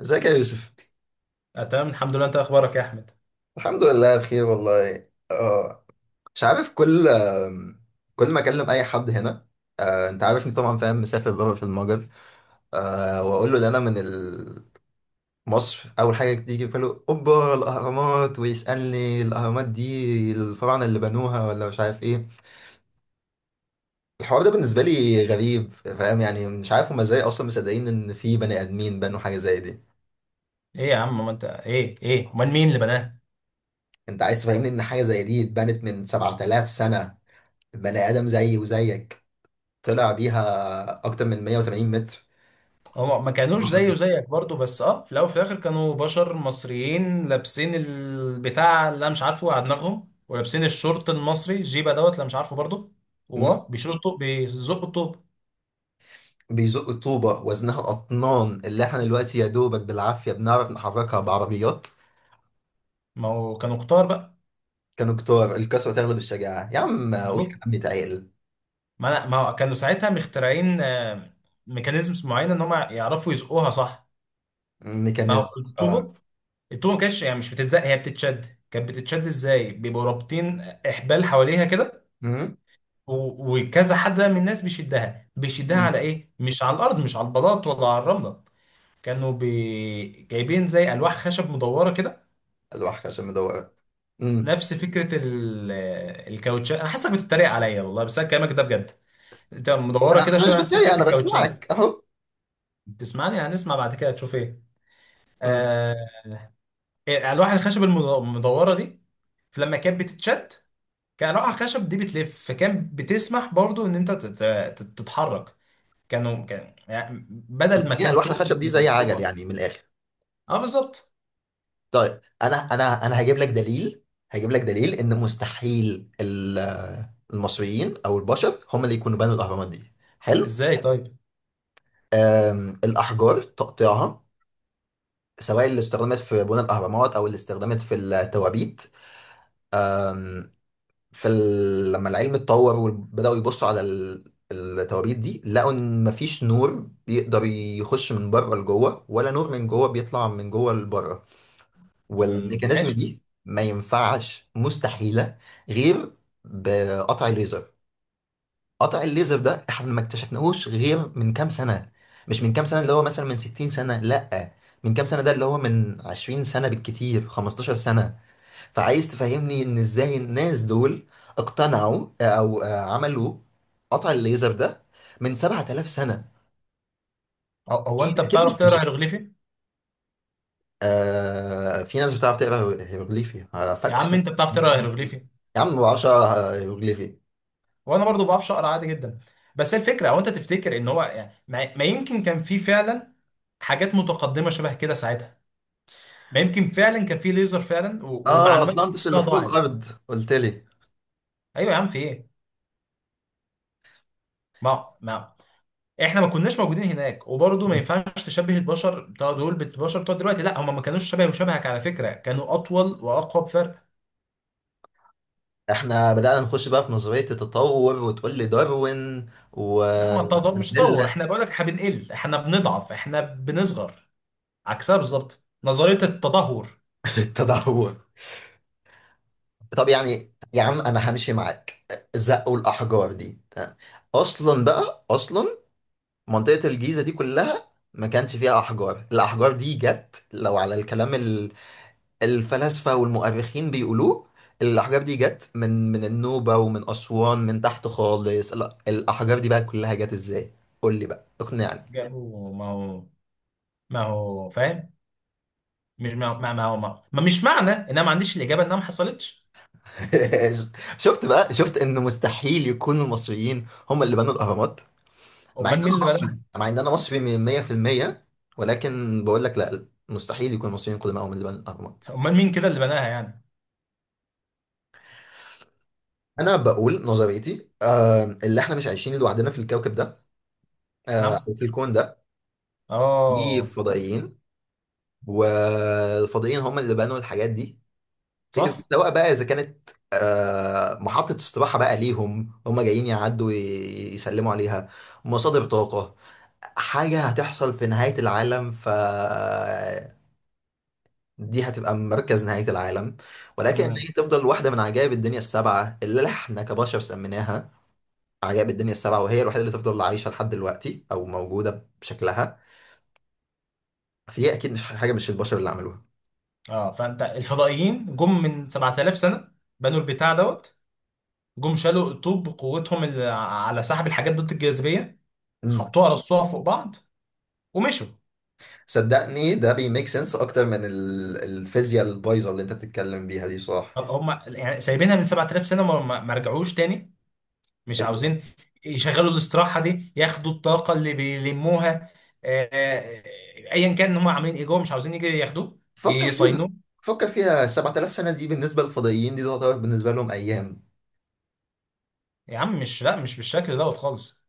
ازيك يا يوسف؟ تمام الحمد لله، انت اخبارك يا احمد؟ الحمد لله بخير والله. اه، مش عارف. كل ما اكلم اي حد هنا، انت عارفني طبعا، فاهم؟ مسافر بره في المجر، واقول له ان انا من مصر. اول حاجه تيجي في باله اوبا الاهرامات، ويسالني الاهرامات دي الفراعنه اللي بنوها ولا مش عارف ايه. الحوار ده بالنسبه لي غريب، فاهم؟ يعني مش عارف هما ازاي اصلا مصدقين ان في بني ادمين بنوا حاجه زي دي. ايه يا عم، ما انت ايه ايه، امال مين اللي بناه؟ انت عايز تفهمني ان حاجه زي دي اتبنت من 7000 سنه؟ بني ادم زيي وزيك طلع بيها اكتر من 180 متر؟ هم ما كانوش بروح على زيه ايه؟ وزيك برضو، بس اه في الاول وفي الاخر كانوا بشر مصريين لابسين البتاع اللي انا مش عارفه على دماغهم، ولابسين الشورت المصري الجيبه دوت اللي أنا مش عارفه برضو. مم. واه بيشيلوا الطوب، بيزقوا الطوب. بيزق الطوبة وزنها الأطنان، اللي احنا دلوقتي يا دوبك بالعافية بنعرف نحركها بعربيات. ما هو كانوا كتار بقى. كانوا كتار؟ الكسوة تغلب الشجاعة يا عم، قول المفروض كلام بيتعقل. ما انا، ما هو كانوا ساعتها مخترعين ميكانيزمز معينه ان هم يعرفوا يزقوها صح. ما هو ميكانيزم؟ اه. الطوبه، التومه ما كانتش يعني مش بتتزق، هي بتتشد. كانت بتتشد ازاي؟ بيبقوا رابطين احبال حواليها كده، مم. و- وكذا حد بقى من الناس بيشدها. بيشدها مم. على ايه؟ مش على الارض، مش على البلاط ولا على الرمله. كانوا جايبين زي الواح خشب مدوره كده. الواحدة عشان مدورة. مم. نفس فكره الكاوتشات. انا حاسسك بتتريق عليا والله، بس انا كلامك ده بجد. انت أنا مدوره كده أنا مش شبه فكره بتضايق، أنا الكاوتشات. بسمعك أهو. بتسمعني؟ هنسمع بعد كده تشوف ايه. مم. آه... الواح الخشب المدوره دي، فلما كانت بتتشد كان خشب دي بتلف، فكان بتسمح برضو ان انت تتحرك. كانوا، كان يعني كانوا بدل ما مدين كان الواحدة تقل خشب دي زي من عجل جوه. يعني من الآخر. اه بالظبط. طيب، انا هجيب لك دليل. هجيب لك دليل ان مستحيل المصريين او البشر هم اللي يكونوا بنوا الاهرامات دي. حلو. ازاي طيب؟ الاحجار تقطيعها، سواء اللي استخدمت في بناء الاهرامات او اللي استخدمت في التوابيت. أم، في ال... لما العلم اتطور وبداوا يبصوا على ال... التوابيت دي، لقوا ان مفيش نور بيقدر يخش من بره لجوه، ولا نور من جوه بيطلع من جوه لبره. مم، والميكانيزم ماشي. دي ما ينفعش، مستحيلة. غير بقطع الليزر. قطع الليزر ده احنا ما اكتشفناهوش غير من كام سنة. مش من كام سنة اللي هو مثلا من 60 سنة، لا. من كام سنة ده اللي هو من 20 سنة بالكتير، 15 سنة. فعايز تفهمني ان ازاي الناس دول اقتنعوا او عملوا قطع الليزر ده من 7000 سنة؟ هو انت بتعرف اكيد. تقرا هيروغليفي؟ آه في ناس بتعرف تقرا هيروغليفي، يا فك. عم انت بتعرف تقرا هيروغليفي؟ يا عم بعشرة هيروغليفي. وانا برضو بعرفش اقرا عادي جدا. بس الفكره، هو انت تفتكر ان هو يعني ما يمكن كان في فعلا حاجات متقدمه شبه كده ساعتها؟ ما يمكن فعلا كان في ليزر فعلا، و- اه، والمعلومات دي اطلانتس اللي كلها فوق ضاعت. الارض قلت لي؟ ايوه يا عم، في ايه؟ ما ما احنا ما كناش موجودين هناك، وبرضه ما ينفعش تشبه البشر بتوع دول بالبشر بتوع دلوقتي. لا هم ما كانوش شبه، وشبهك على فكره كانوا اطول واقوى بفرق. احنا بدأنا نخش بقى في نظرية التطور، وتقول لي داروين لا، ما ومانديلا. التطور مش تطور، احنا بقول لك احنا بنقل، احنا بنضعف، احنا بنصغر. عكسها بالظبط، نظريه التدهور. التدهور. طب يعني يا عم انا همشي معاك. زقوا الاحجار دي. اصلا بقى، اصلا منطقة الجيزة دي كلها ما كانش فيها احجار. الاحجار دي جت لو على الكلام الفلاسفة والمؤرخين بيقولوه، الأحجار دي جت من النوبة ومن أسوان من تحت خالص. لا، الأحجار دي بقى كلها جت إزاي؟ قول لي بقى، اقنعني. جابوا، ما هو ما هو فاهم. مش ما ما ما هو ما, ما مش معنى ان انا ما عنديش الاجابه انها ما حصلتش. شفت بقى؟ شفت إن مستحيل يكون المصريين هم اللي بنوا الأهرامات؟ مع إن امال مين أنا اللي مصري، بناها؟ مع إن أنا مصري من 100%، ولكن بقول لك لا، مستحيل يكون المصريين كلهم هم اللي بنوا الأهرامات. امال مين كده اللي بناها يعني؟ أنا بقول نظريتي، آه، اللي إحنا مش عايشين لوحدنا في الكوكب ده، نعم. أو في الكون ده. في اه. فضائيين، والفضائيين هم اللي بنوا الحاجات دي. صح. سواء بقى اذا كانت محطة استراحة بقى ليهم، هم جايين يعدوا يسلموا عليها، مصادر طاقة، حاجة هتحصل في نهاية العالم، ف دي هتبقى مركز نهاية العالم. ولكن إن هي مم. تفضل واحدة من عجائب الدنيا السبعة اللي احنا كبشر سميناها عجائب الدنيا السبعة، وهي الوحيدة اللي تفضل عايشة لحد دلوقتي أو موجودة بشكلها. فهي أكيد مش حاجة، مش البشر اللي عملوها. اه فانت الفضائيين جم من 7000 سنه، بنوا البتاع دوت، جم شالوا الطوب بقوتهم اللي على سحب الحاجات ضد الجاذبيه، حطوها رصوها فوق بعض، ومشوا. صدقني ده بيميك سنس اكتر من الفيزياء البايظه اللي انت بتتكلم بيها دي، صح. هم يعني سايبينها من 7000 سنه ما رجعوش تاني؟ مش عاوزين يشغلوا الاستراحه دي، ياخدوا الطاقه اللي بيلموها؟ آه، آه، ايا كان هم عاملين ايه جوه، مش عاوزين يجي ياخدوه، فكر فيها. يصينوه؟ فكر فيها، 7000 سنه دي بالنسبه للفضائيين دي تعتبر بالنسبه لهم ايام. يا عم مش، لا مش بالشكل دوت خالص.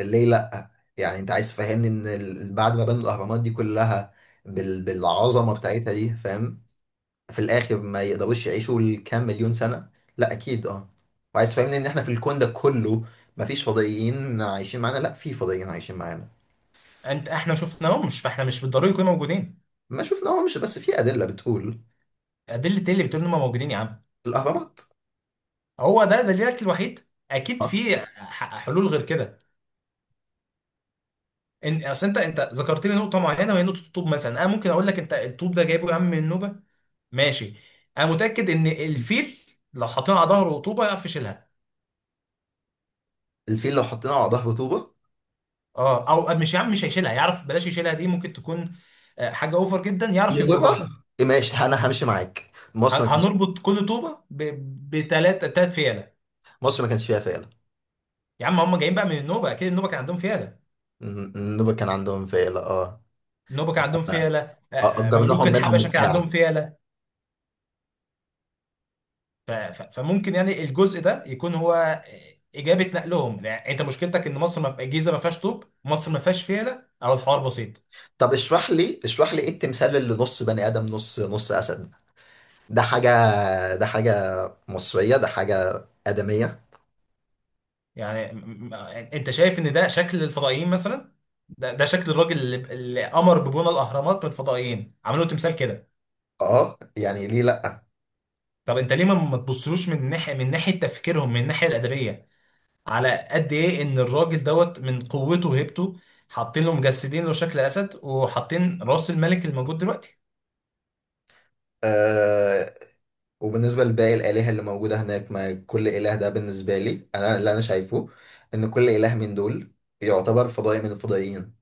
ليه لا؟ يعني انت عايز تفهمني ان بعد ما بنوا الاهرامات دي كلها بالعظمه بتاعتها دي، فاهم؟ في الاخر ما يقدروش يعيشوا الكام مليون سنه؟ لا اكيد اه. وعايز تفهمني ان احنا في الكون ده كله ما فيش فضائيين عايشين معانا؟ لا، في فضائيين عايشين معانا. انت احنا شفناهم؟ مش، فاحنا مش بالضروري يكونوا موجودين. ما شفنا، هو مش بس في ادله بتقول. ادله ايه اللي بتقول انهم موجودين يا عم؟ الاهرامات. هو ده الاكل الوحيد؟ اكيد آه. في حلول غير كده. ان اصل انت ذكرت لي نقطه معينه وهي نقطه الطوب مثلا، انا ممكن اقول لك انت الطوب ده جايبه يا عم من نوبه. ماشي. انا متاكد ان الفيل لو حاطينه على ظهره طوبه يعرف يشيلها. الفيل لو حطيناه على ظهر طوبه اه او مش، يا عم مش هيشيلها، يعرف، بلاش يشيلها دي ممكن تكون حاجه اوفر جدا، يعرف يغرق، يغرقها يجرها. إيه؟ ماشي انا همشي معاك، مصر ما كانش. هنربط كل طوبه بثلاث فيله. مصر ما كانش فيها فيلة. يا عم هم جايين بقى من النوبه، اكيد النوبه كان عندهم فيله. النوبة كان عندهم فيلة اه. النوبه كان عندهم أنا فيله. ملوك اجرناهم منهم الحبشه كان بالساعة. عندهم فيله. ف- ف- فممكن يعني الجزء ده يكون هو اجابه نقلهم. يعني انت مشكلتك ان مصر ما، الجيزه ما فيهاش طوب، مصر ما فيهاش فيله، او الحوار بسيط. طب اشرح لي، اشرح لي ايه التمثال اللي نص بني ادم نص، نص اسد؟ ده حاجة، ده حاجة مصرية؟ ده حاجة آدمية؟ يعني انت شايف ان ده شكل الفضائيين مثلا؟ ده شكل الراجل اللي امر ببناء الاهرامات من الفضائيين، عملوا تمثال كده؟ اه يعني ليه لا؟ طب انت ليه ما تبصلوش من ناحيه، من ناحيه تفكيرهم، من الناحيه الادبيه؟ على قد ايه ان الراجل دوت من قوته وهيبته حاطين له، مجسدين له شكل اسد وحاطين راس الملك الموجود دلوقتي. آه. وبالنسبة لباقي الآلهة اللي موجودة هناك، ما كل إله ده بالنسبة لي انا اللي انا شايفه ان كل إله من دول يعتبر فضائي من الفضائيين.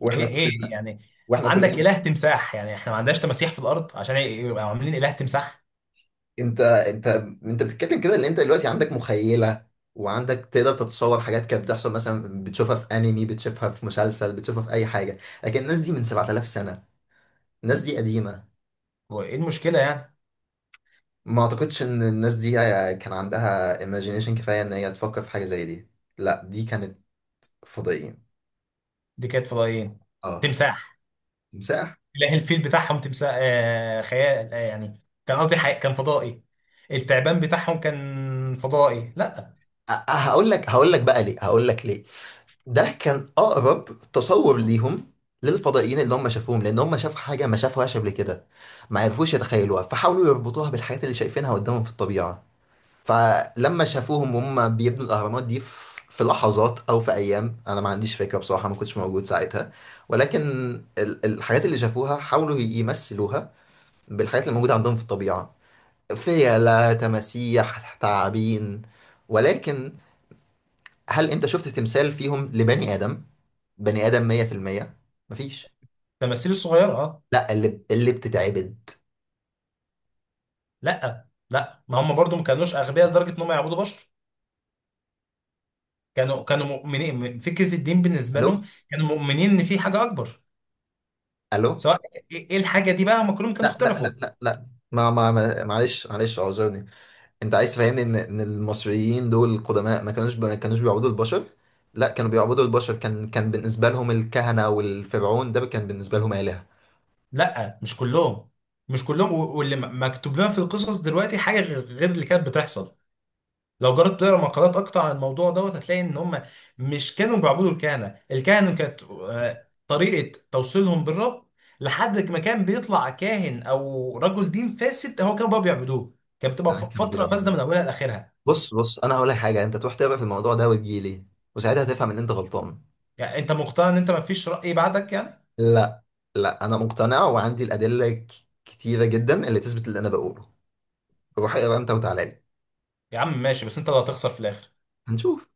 واحنا ايه ايه كلنا، يعني؟ واحنا عندك كلنا. اله تمساح، يعني احنا ما عندناش تماسيح في الارض عشان يبقى عاملين اله تمساح؟ انت انت انت بتتكلم كده ان انت دلوقتي عندك مخيله، وعندك تقدر تتصور حاجات كانت بتحصل، مثلا بتشوفها في انمي، بتشوفها في مسلسل، بتشوفها في اي حاجه. لكن الناس دي من 7000 سنه، الناس دي قديمه. هو ايه المشكله يعني؟ ما اعتقدش ان الناس دي كان عندها imagination كفايه ان هي تفكر في حاجه زي دي. لا، دي كانت فضائيين. دي كانت فضائيين؟ اه. تمساح؟ تمساح. اله الفيل بتاعهم تمساح؟ آه خيال، آه يعني كان قصدي كان فضائي، التعبان بتاعهم كان فضائي؟ لا. هقول لك، هقول لك بقى ليه، هقول لك ليه. ده كان اقرب تصور ليهم للفضائيين اللي هم شافوهم، لان هم شافوا حاجه ما شافوهاش قبل كده، ما عرفوش يتخيلوها، فحاولوا يربطوها بالحاجات اللي شايفينها قدامهم في الطبيعه. فلما شافوهم وهم بيبنوا الاهرامات دي في لحظات او في ايام، انا ما عنديش فكره بصراحه، ما كنتش موجود ساعتها. ولكن الحاجات اللي شافوها حاولوا يمثلوها بالحاجات اللي موجوده عندهم في الطبيعه. فيلة، تماسيح، تعابين. ولكن هل انت شفت تمثال فيهم لبني ادم؟ بني ادم 100%؟ مفيش. تماثيل الصغيره، اه. لا، اللي بتتعبد. لا لا، ما هم برضو ما كانوش اغبياء لدرجه ان هم يعبدوا بشر. كانوا مؤمنين، فكره الدين بالنسبه الو؟ لهم، كانوا مؤمنين ان في حاجه اكبر. الو؟ سواء، ايه إيه الحاجه دي بقى، هم كلهم كانوا لا لا اختلفوا. لا لا معلش، معلش اعذرني. انت عايز تفهمني ان المصريين دول القدماء ما كانوش ما كانوش بيعبدوا البشر؟ لا، كانوا بيعبدوا البشر. كان بالنسبه لهم الكهنه والفرعون ده كان بالنسبه لهم الهه. لا مش كلهم، مش كلهم، و- واللي مكتوب لنا في القصص دلوقتي حاجه غير اللي كانت بتحصل. لو جربت تقرا مقالات اكتر عن الموضوع دوت، هتلاقي ان هم مش كانوا بيعبدوا الكهنه. الكهنه كانت طريقه توصيلهم بالرب، لحد ما كان بيطلع كاهن او رجل دين فاسد هو كانوا بقى بيعبدوه، كانت بتبقى يعني كانوا فتره فاسده بيعبدوا. من اولها لاخرها. بص، بص، انا هقول لك حاجه، انت تروح تقرا في الموضوع ده وتجيلي، وساعتها هتفهم ان انت غلطان. يعني انت مقتنع ان انت ما فيش راي بعدك يعني؟ لا، لا انا مقتنع، وعندي الادله كتيره جدا اللي تثبت اللي انا بقوله. روح اقرا انت وتعالى لي. يا عم ماشي، بس انت اللي هتخسر في الاخر. هنشوف.